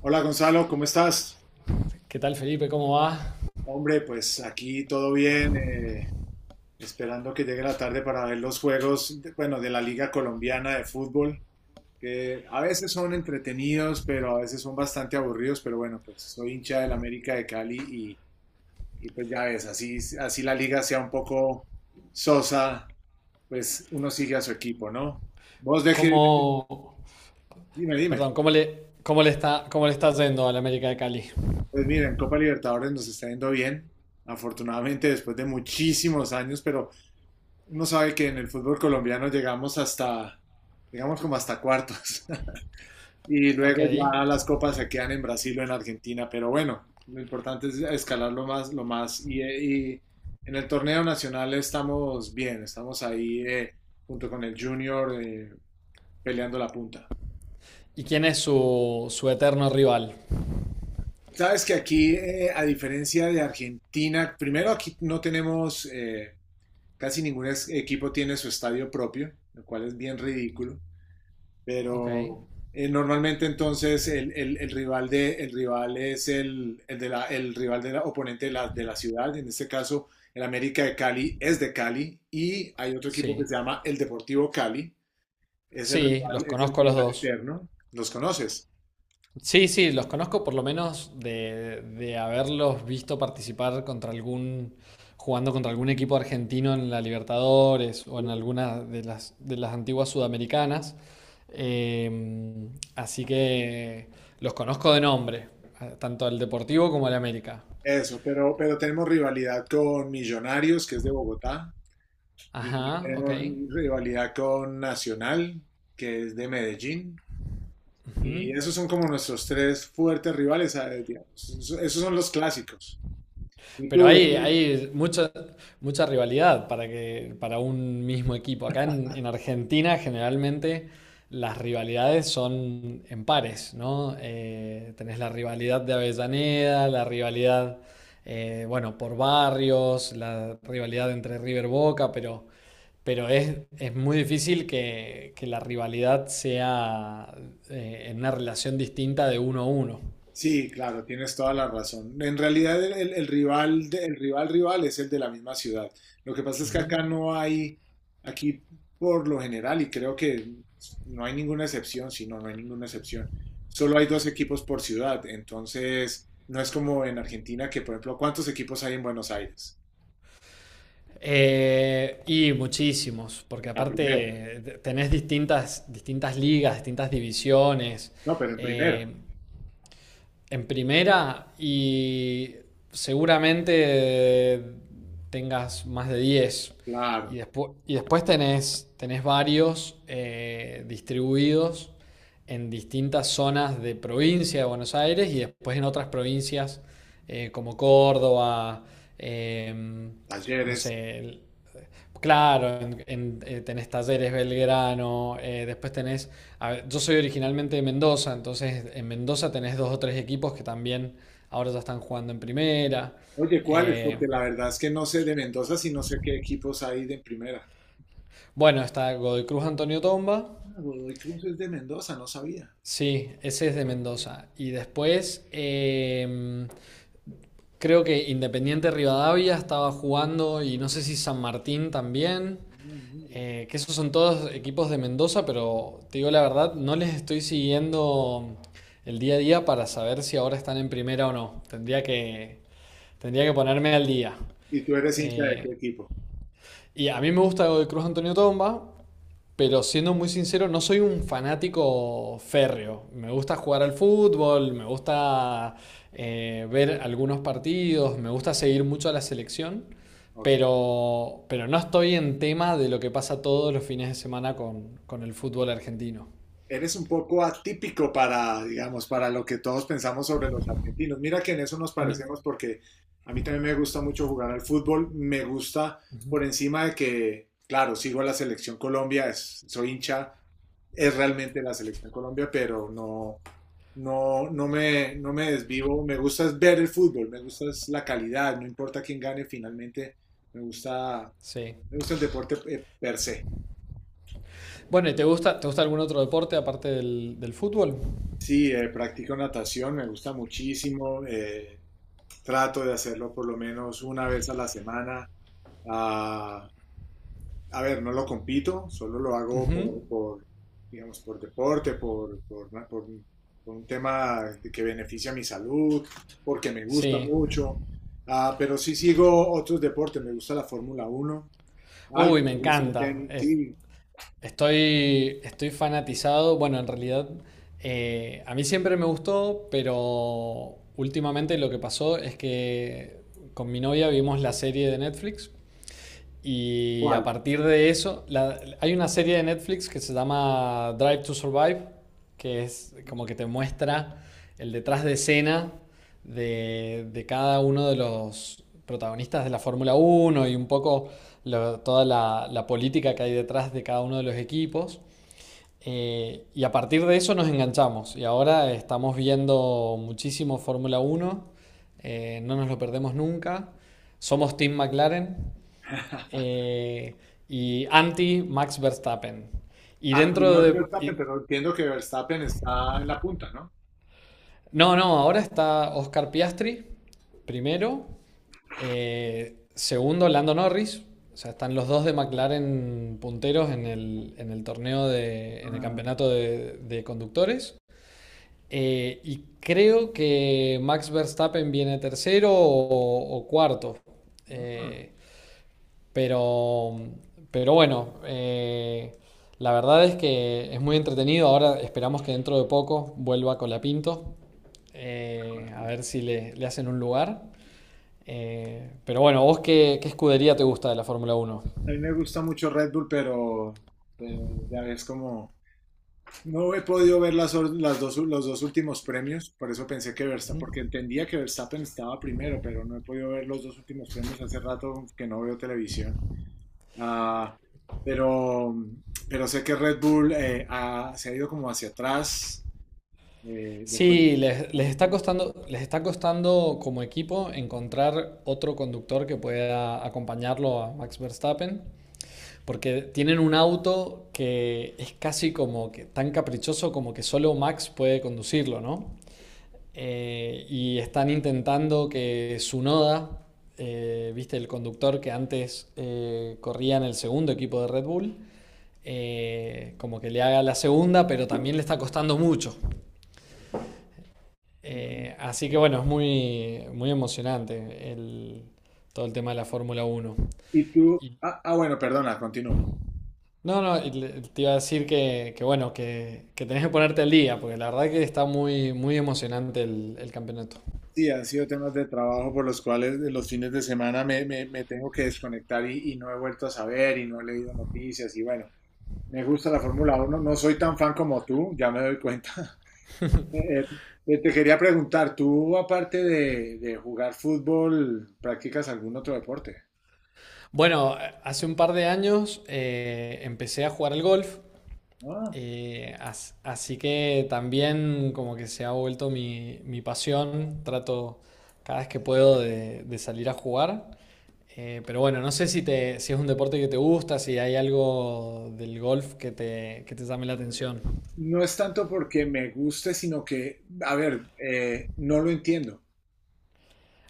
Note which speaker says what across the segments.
Speaker 1: Hola Gonzalo, ¿cómo estás?
Speaker 2: ¿Qué tal, Felipe? ¿Cómo va?
Speaker 1: Hombre, pues aquí todo bien, esperando que llegue la tarde para ver los juegos, bueno, de la Liga Colombiana de Fútbol, que a veces son entretenidos, pero a veces son bastante aburridos, pero bueno, pues soy hincha del América de Cali y pues ya ves, así, así la liga sea un poco sosa, pues uno sigue a su equipo, ¿no? Vos de qué,
Speaker 2: ¿Cómo,
Speaker 1: dime.
Speaker 2: perdón, cómo le está yendo al América de Cali?
Speaker 1: Pues mira, en Copa Libertadores nos está yendo bien, afortunadamente después de muchísimos años, pero... Uno sabe que en el fútbol colombiano llegamos hasta, digamos como hasta cuartos, y luego
Speaker 2: Ok.
Speaker 1: ya las copas se quedan en Brasil o en Argentina, pero bueno, lo importante es escalar lo más, y en el torneo nacional estamos bien, estamos ahí junto con el Junior peleando la punta.
Speaker 2: ¿Y quién es su eterno rival?
Speaker 1: Sabes que aquí, a diferencia de Argentina, primero aquí no tenemos, casi ningún equipo tiene su estadio propio, lo cual es bien ridículo.
Speaker 2: Ok.
Speaker 1: Pero normalmente entonces el rival de, el rival es el el rival del oponente de la ciudad. En este caso, el América de Cali es de Cali y hay otro equipo que
Speaker 2: Sí.
Speaker 1: se llama el Deportivo Cali.
Speaker 2: Sí, los
Speaker 1: Es el
Speaker 2: conozco a los
Speaker 1: rival
Speaker 2: dos.
Speaker 1: eterno. ¿Los conoces?
Speaker 2: Sí, sí, los conozco por lo menos de haberlos visto jugando contra algún equipo argentino en la Libertadores o
Speaker 1: Sí.
Speaker 2: en alguna de las antiguas sudamericanas. Eh, Así que los conozco de nombre, tanto al Deportivo como al América.
Speaker 1: Eso, pero tenemos rivalidad con Millonarios, que es de Bogotá. Y
Speaker 2: Ajá, ok.
Speaker 1: tenemos rivalidad con Nacional, que es de Medellín.
Speaker 2: Ujú.
Speaker 1: Y esos son como nuestros tres fuertes rivales, ¿sabes? Digamos. Esos, esos son los clásicos. ¿Y
Speaker 2: Pero
Speaker 1: tú,
Speaker 2: hay mucha rivalidad para que, para un mismo equipo. Acá en Argentina generalmente las rivalidades son en pares, ¿no? Tenés la rivalidad de Avellaneda, por barrios, la rivalidad entre River Boca, pero, es muy difícil que la rivalidad sea en una relación distinta de uno a uno.
Speaker 1: sí, claro, tienes toda la razón. En realidad el rival, el rival rival es el de la misma ciudad. Lo que pasa es que
Speaker 2: Ujú.
Speaker 1: acá no hay, aquí por lo general, y creo que no hay ninguna excepción, si no, no hay ninguna excepción. Solo hay dos equipos por ciudad, entonces no es como en Argentina que, por ejemplo, ¿cuántos equipos hay en Buenos Aires?
Speaker 2: Y muchísimos, porque
Speaker 1: En la primera.
Speaker 2: aparte tenés distintas ligas, distintas divisiones.
Speaker 1: No, pero en
Speaker 2: Eh,
Speaker 1: primera.
Speaker 2: en primera y seguramente tengas más de diez. Y
Speaker 1: Claro,
Speaker 2: y después tenés, tenés varios distribuidos en distintas zonas de provincia de Buenos Aires y después en otras provincias como Córdoba, em, no
Speaker 1: Talleres.
Speaker 2: sé. Claro, tenés Talleres Belgrano, después tenés, a ver, yo soy originalmente de Mendoza, entonces en Mendoza tenés dos o tres equipos que también ahora ya están jugando en primera.
Speaker 1: Oye, ¿cuáles?
Speaker 2: Eh,
Speaker 1: Porque la verdad es que no sé de Mendoza si no sé qué equipos hay de primera.
Speaker 2: bueno, está Godoy Cruz Antonio Tomba.
Speaker 1: Godoy Cruz es de Mendoza, no sabía.
Speaker 2: Sí, ese es de Mendoza. Y después creo que Independiente Rivadavia estaba jugando y no sé si San Martín también.
Speaker 1: Ah, mira.
Speaker 2: Que esos son todos equipos de Mendoza, pero te digo la verdad, no les estoy siguiendo el día a día para saber si ahora están en primera o no. Tendría que ponerme al día.
Speaker 1: ¿Y tú eres hincha de
Speaker 2: Eh,
Speaker 1: qué equipo?
Speaker 2: y a mí me gusta de Cruz Antonio Tomba, pero siendo muy sincero, no soy un fanático férreo. Me gusta jugar al fútbol, me gusta ver algunos partidos, me gusta seguir mucho a la selección,
Speaker 1: Ok.
Speaker 2: pero no estoy en tema de lo que pasa todos los fines de semana con el fútbol argentino.
Speaker 1: Eres un poco atípico para, digamos, para lo que todos pensamos sobre los argentinos. Mira que en eso nos
Speaker 2: No.
Speaker 1: parecemos porque a mí también me gusta mucho jugar al fútbol. Me gusta por encima de que, claro, sigo a la selección Colombia, soy hincha, es realmente la selección Colombia, pero no, no, no me desvivo. Me gusta es ver el fútbol, me gusta es la calidad, no importa quién gane finalmente, me gusta.
Speaker 2: Sí.
Speaker 1: Me gusta el deporte per se.
Speaker 2: Bueno, ¿y te gusta algún otro deporte aparte del fútbol?
Speaker 1: Sí, practico natación, me gusta muchísimo. Trato de hacerlo por lo menos una vez a la semana. Ah, a ver, no lo compito, solo lo hago
Speaker 2: Ujú.
Speaker 1: digamos, por deporte, por un tema que beneficia mi salud, porque me gusta
Speaker 2: Sí.
Speaker 1: mucho. Ah, pero sí sigo otros deportes, me gusta la Fórmula Uno. Algo
Speaker 2: Uy, me
Speaker 1: me gusta el
Speaker 2: encanta.
Speaker 1: tenis, sí.
Speaker 2: Estoy, estoy fanatizado. Bueno, en realidad a mí siempre me gustó, pero últimamente lo que pasó es que con mi novia vimos la serie de Netflix y a
Speaker 1: ¿Cuál?
Speaker 2: partir de eso, hay una serie de Netflix que se llama Drive to Survive, que es como que te muestra el detrás de escena de cada uno de los protagonistas de la Fórmula Uno y un poco toda la política que hay detrás de cada uno de los equipos. Y a partir de eso nos enganchamos y ahora estamos viendo muchísimo Fórmula Uno, no nos lo perdemos nunca. Somos Team McLaren, eh, y anti Max Verstappen. Y
Speaker 1: Anti
Speaker 2: dentro
Speaker 1: más
Speaker 2: de...
Speaker 1: Verstappen,
Speaker 2: y-
Speaker 1: pero entiendo que Verstappen está en la punta, ¿no?
Speaker 2: no, no, ahora está Oscar Piastri, primero. Segundo, Lando Norris. O sea, están los dos de McLaren punteros en el torneo en el
Speaker 1: Ah,
Speaker 2: campeonato de conductores. Y creo que Max Verstappen viene tercero o cuarto.
Speaker 1: ah,
Speaker 2: Eh, Pero, pero bueno, la verdad es que es muy entretenido. Ahora esperamos que dentro de poco vuelva Colapinto,
Speaker 1: con la
Speaker 2: a
Speaker 1: pinta.
Speaker 2: ver si le hacen un lugar. Pero bueno, ¿vos qué, qué escudería te gusta de la Fórmula uno?
Speaker 1: A mí me gusta mucho Red Bull, pero ya ves como no he podido ver las, las dos, los dos últimos premios, por eso pensé que Verstappen, porque entendía que Verstappen estaba primero, pero no he podido ver los dos últimos premios hace rato que no veo televisión. Ah, pero, pero sé que Red Bull se ha ido como hacia atrás, después
Speaker 2: Sí,
Speaker 1: está muy bien.
Speaker 2: les está costando como equipo encontrar otro conductor que pueda acompañarlo a Max Verstappen. Porque tienen un auto que es casi como que tan caprichoso como que solo Max puede conducirlo, ¿no? Y están intentando que Sunoda, viste, el conductor que antes corría en el segundo equipo de Red Bull, como que le haga la segunda, pero también le está costando mucho. Así que bueno, es muy, muy emocionante todo el tema de la Fórmula Uno.
Speaker 1: Y tú,
Speaker 2: Y
Speaker 1: bueno, perdona, continúa.
Speaker 2: no, no, te iba a decir que tenés que ponerte al día, porque la verdad que está muy, muy emocionante el campeonato.
Speaker 1: Sí, han sido temas de trabajo por los cuales de los fines de semana me tengo que desconectar y no he vuelto a saber y no he leído noticias y bueno, me gusta la Fórmula Uno, no soy tan fan como tú, ya me doy cuenta. Eh, te quería preguntar, tú aparte de jugar fútbol, ¿practicas algún otro deporte?
Speaker 2: Bueno, hace un par de años empecé a jugar al golf,
Speaker 1: Ah,
Speaker 2: así que también como que se ha vuelto mi, mi pasión, trato cada vez que puedo de salir a jugar. Pero bueno, no sé si es un deporte que te gusta, si hay algo del golf que te llame la atención.
Speaker 1: no es tanto porque me guste, sino que, a ver, no lo entiendo.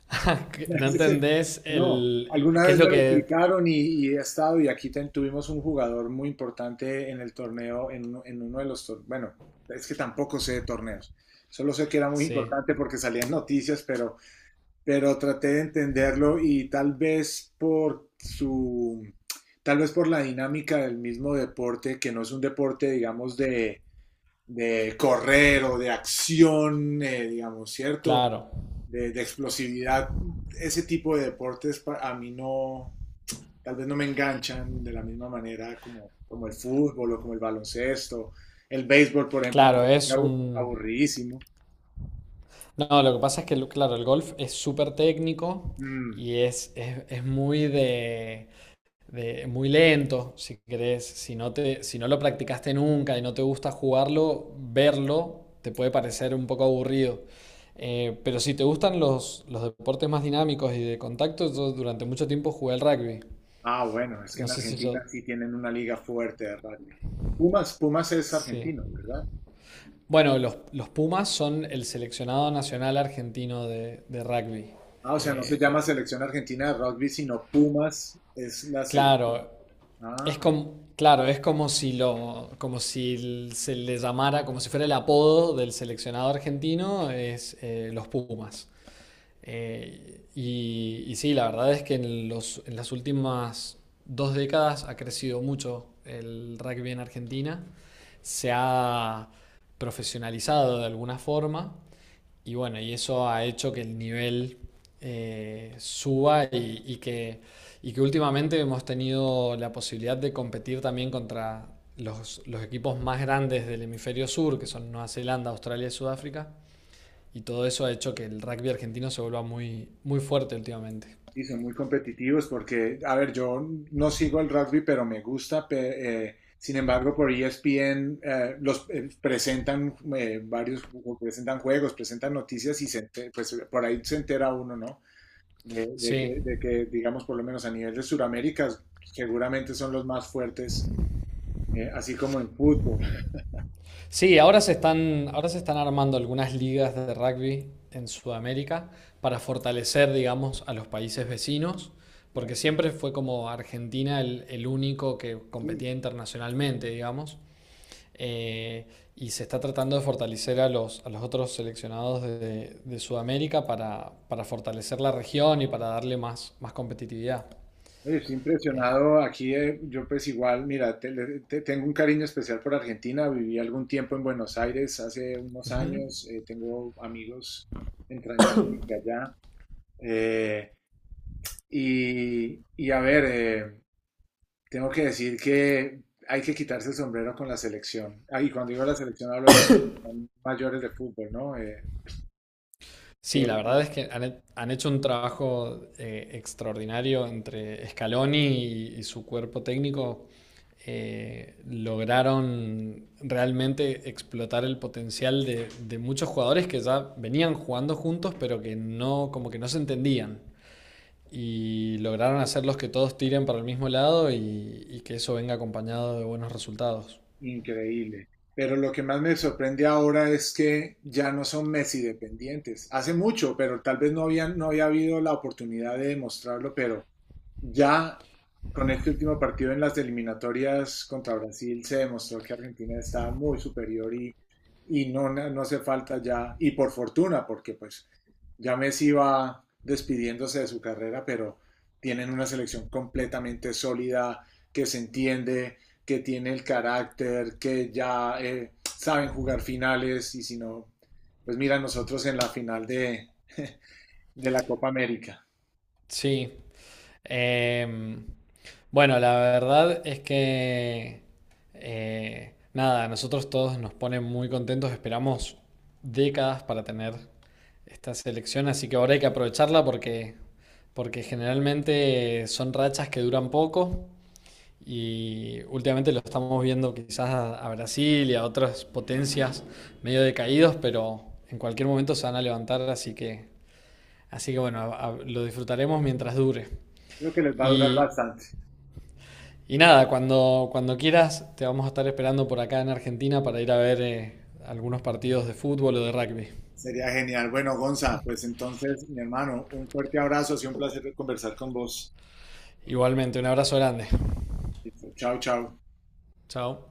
Speaker 2: ¿No entendés
Speaker 1: No, alguna
Speaker 2: qué es
Speaker 1: vez
Speaker 2: lo
Speaker 1: me lo
Speaker 2: que...?
Speaker 1: explicaron y he estado y aquí tuvimos un jugador muy importante en el torneo, en uno de los torneos, bueno, es que tampoco sé de torneos, solo sé que era muy
Speaker 2: Sí,
Speaker 1: importante porque salían noticias, pero traté de entenderlo y tal vez por su, tal vez por la dinámica del mismo deporte, que no es un deporte, digamos, de correr o de acción, digamos, ¿cierto?
Speaker 2: claro.
Speaker 1: De explosividad, ese tipo de deportes para, a mí no, tal vez no me enganchan de la misma manera como, como el fútbol o como el baloncesto. El béisbol, por ejemplo, me
Speaker 2: Claro,
Speaker 1: parece
Speaker 2: es un...
Speaker 1: aburridísimo.
Speaker 2: No, lo que pasa es que, claro, el golf es súper técnico
Speaker 1: Mm,
Speaker 2: y es, es muy muy lento, si querés. Si no te, si no lo practicaste nunca y no te gusta jugarlo, verlo te puede parecer un poco aburrido. Pero si te gustan los deportes más dinámicos y de contacto, yo durante mucho tiempo jugué al rugby.
Speaker 1: ah, bueno, es que
Speaker 2: No
Speaker 1: en
Speaker 2: sé si
Speaker 1: Argentina
Speaker 2: eso...
Speaker 1: sí tienen una liga fuerte de rugby. Pumas, Pumas es
Speaker 2: Sí.
Speaker 1: argentino, ¿verdad?
Speaker 2: Bueno, los Pumas son el seleccionado nacional argentino de rugby.
Speaker 1: Ah, o sea, no se llama
Speaker 2: Eh,
Speaker 1: selección argentina de rugby, sino Pumas es la selección.
Speaker 2: claro, es
Speaker 1: Ah,
Speaker 2: como, claro, es como si lo, como si se le llamara, como si fuera el apodo del seleccionado argentino, es los Pumas. Y sí, la verdad es que en los, en las últimas dos décadas ha crecido mucho el rugby en Argentina. Se ha profesionalizado de alguna forma. Y bueno, y eso ha hecho que el nivel suba y que últimamente hemos tenido la posibilidad de competir también contra los equipos más grandes del hemisferio sur, que son Nueva Zelanda, Australia y Sudáfrica. Y todo eso ha hecho que el rugby argentino se vuelva muy, muy fuerte últimamente.
Speaker 1: sí, son muy competitivos porque, a ver, yo no sigo el rugby, pero me gusta. Sin embargo, por ESPN los presentan varios, presentan juegos, presentan noticias y se pues, por ahí se entera uno, ¿no?
Speaker 2: Sí,
Speaker 1: De que, digamos, por lo menos a nivel de Sudamérica, seguramente son los más fuertes, así como en fútbol.
Speaker 2: sí, ahora se están armando algunas ligas de rugby en Sudamérica para fortalecer, digamos, a los países vecinos, porque siempre fue como Argentina el único que
Speaker 1: Sí,
Speaker 2: competía internacionalmente, digamos. eh, y se está tratando de fortalecer a los otros seleccionados de Sudamérica para fortalecer la región y para darle más, más competitividad.
Speaker 1: oye, estoy impresionado aquí, yo pues igual, mira, tengo un cariño especial por Argentina, viví algún tiempo en Buenos Aires hace unos
Speaker 2: Ujú.
Speaker 1: años, tengo amigos entrañables de allá, eh, y a ver, tengo que decir que hay que quitarse el sombrero con la selección. Ah, y cuando digo la selección hablo de las selección mayores de fútbol, ¿no?
Speaker 2: Sí, la verdad es que han hecho un trabajo extraordinario entre Scaloni y su cuerpo técnico. Lograron realmente explotar el potencial de muchos jugadores que ya venían jugando juntos, pero que no, como que no se entendían. Y lograron hacerlos que todos tiren para el mismo lado y que eso venga acompañado de buenos resultados.
Speaker 1: Increíble. Pero lo que más me sorprende ahora es que ya no son Messi dependientes. Hace mucho, pero tal vez no habían, no había habido la oportunidad de demostrarlo, pero ya con este último partido en las eliminatorias contra Brasil se demostró que Argentina está muy superior y no, no hace falta ya, y por fortuna, porque pues ya Messi va despidiéndose de su carrera, pero tienen una selección completamente sólida, que se entiende, que tiene el carácter, que ya saben jugar finales y si no, pues mira nosotros en la final de, de la Copa América.
Speaker 2: Sí. Em, bueno, la verdad es que nada, a nosotros todos nos ponen muy contentos, esperamos décadas para tener esta selección, así que ahora hay que aprovecharla, porque porque generalmente son rachas que duran poco y últimamente lo estamos viendo quizás a Brasil y a otras potencias medio decaídos, pero en cualquier momento se van a levantar, así que bueno, lo disfrutaremos mientras dure.
Speaker 1: Creo que les va a durar
Speaker 2: Y,
Speaker 1: bastante.
Speaker 2: y nada, cuando, Cuando quieras, te vamos a estar esperando por acá en Argentina para ir a ver algunos partidos de fútbol o de rugby.
Speaker 1: Sería genial. Bueno, Gonza, pues entonces, mi hermano, un fuerte abrazo. Ha sido un placer conversar con vos.
Speaker 2: Igualmente, un abrazo grande.
Speaker 1: Listo, chao, chao.
Speaker 2: Chao.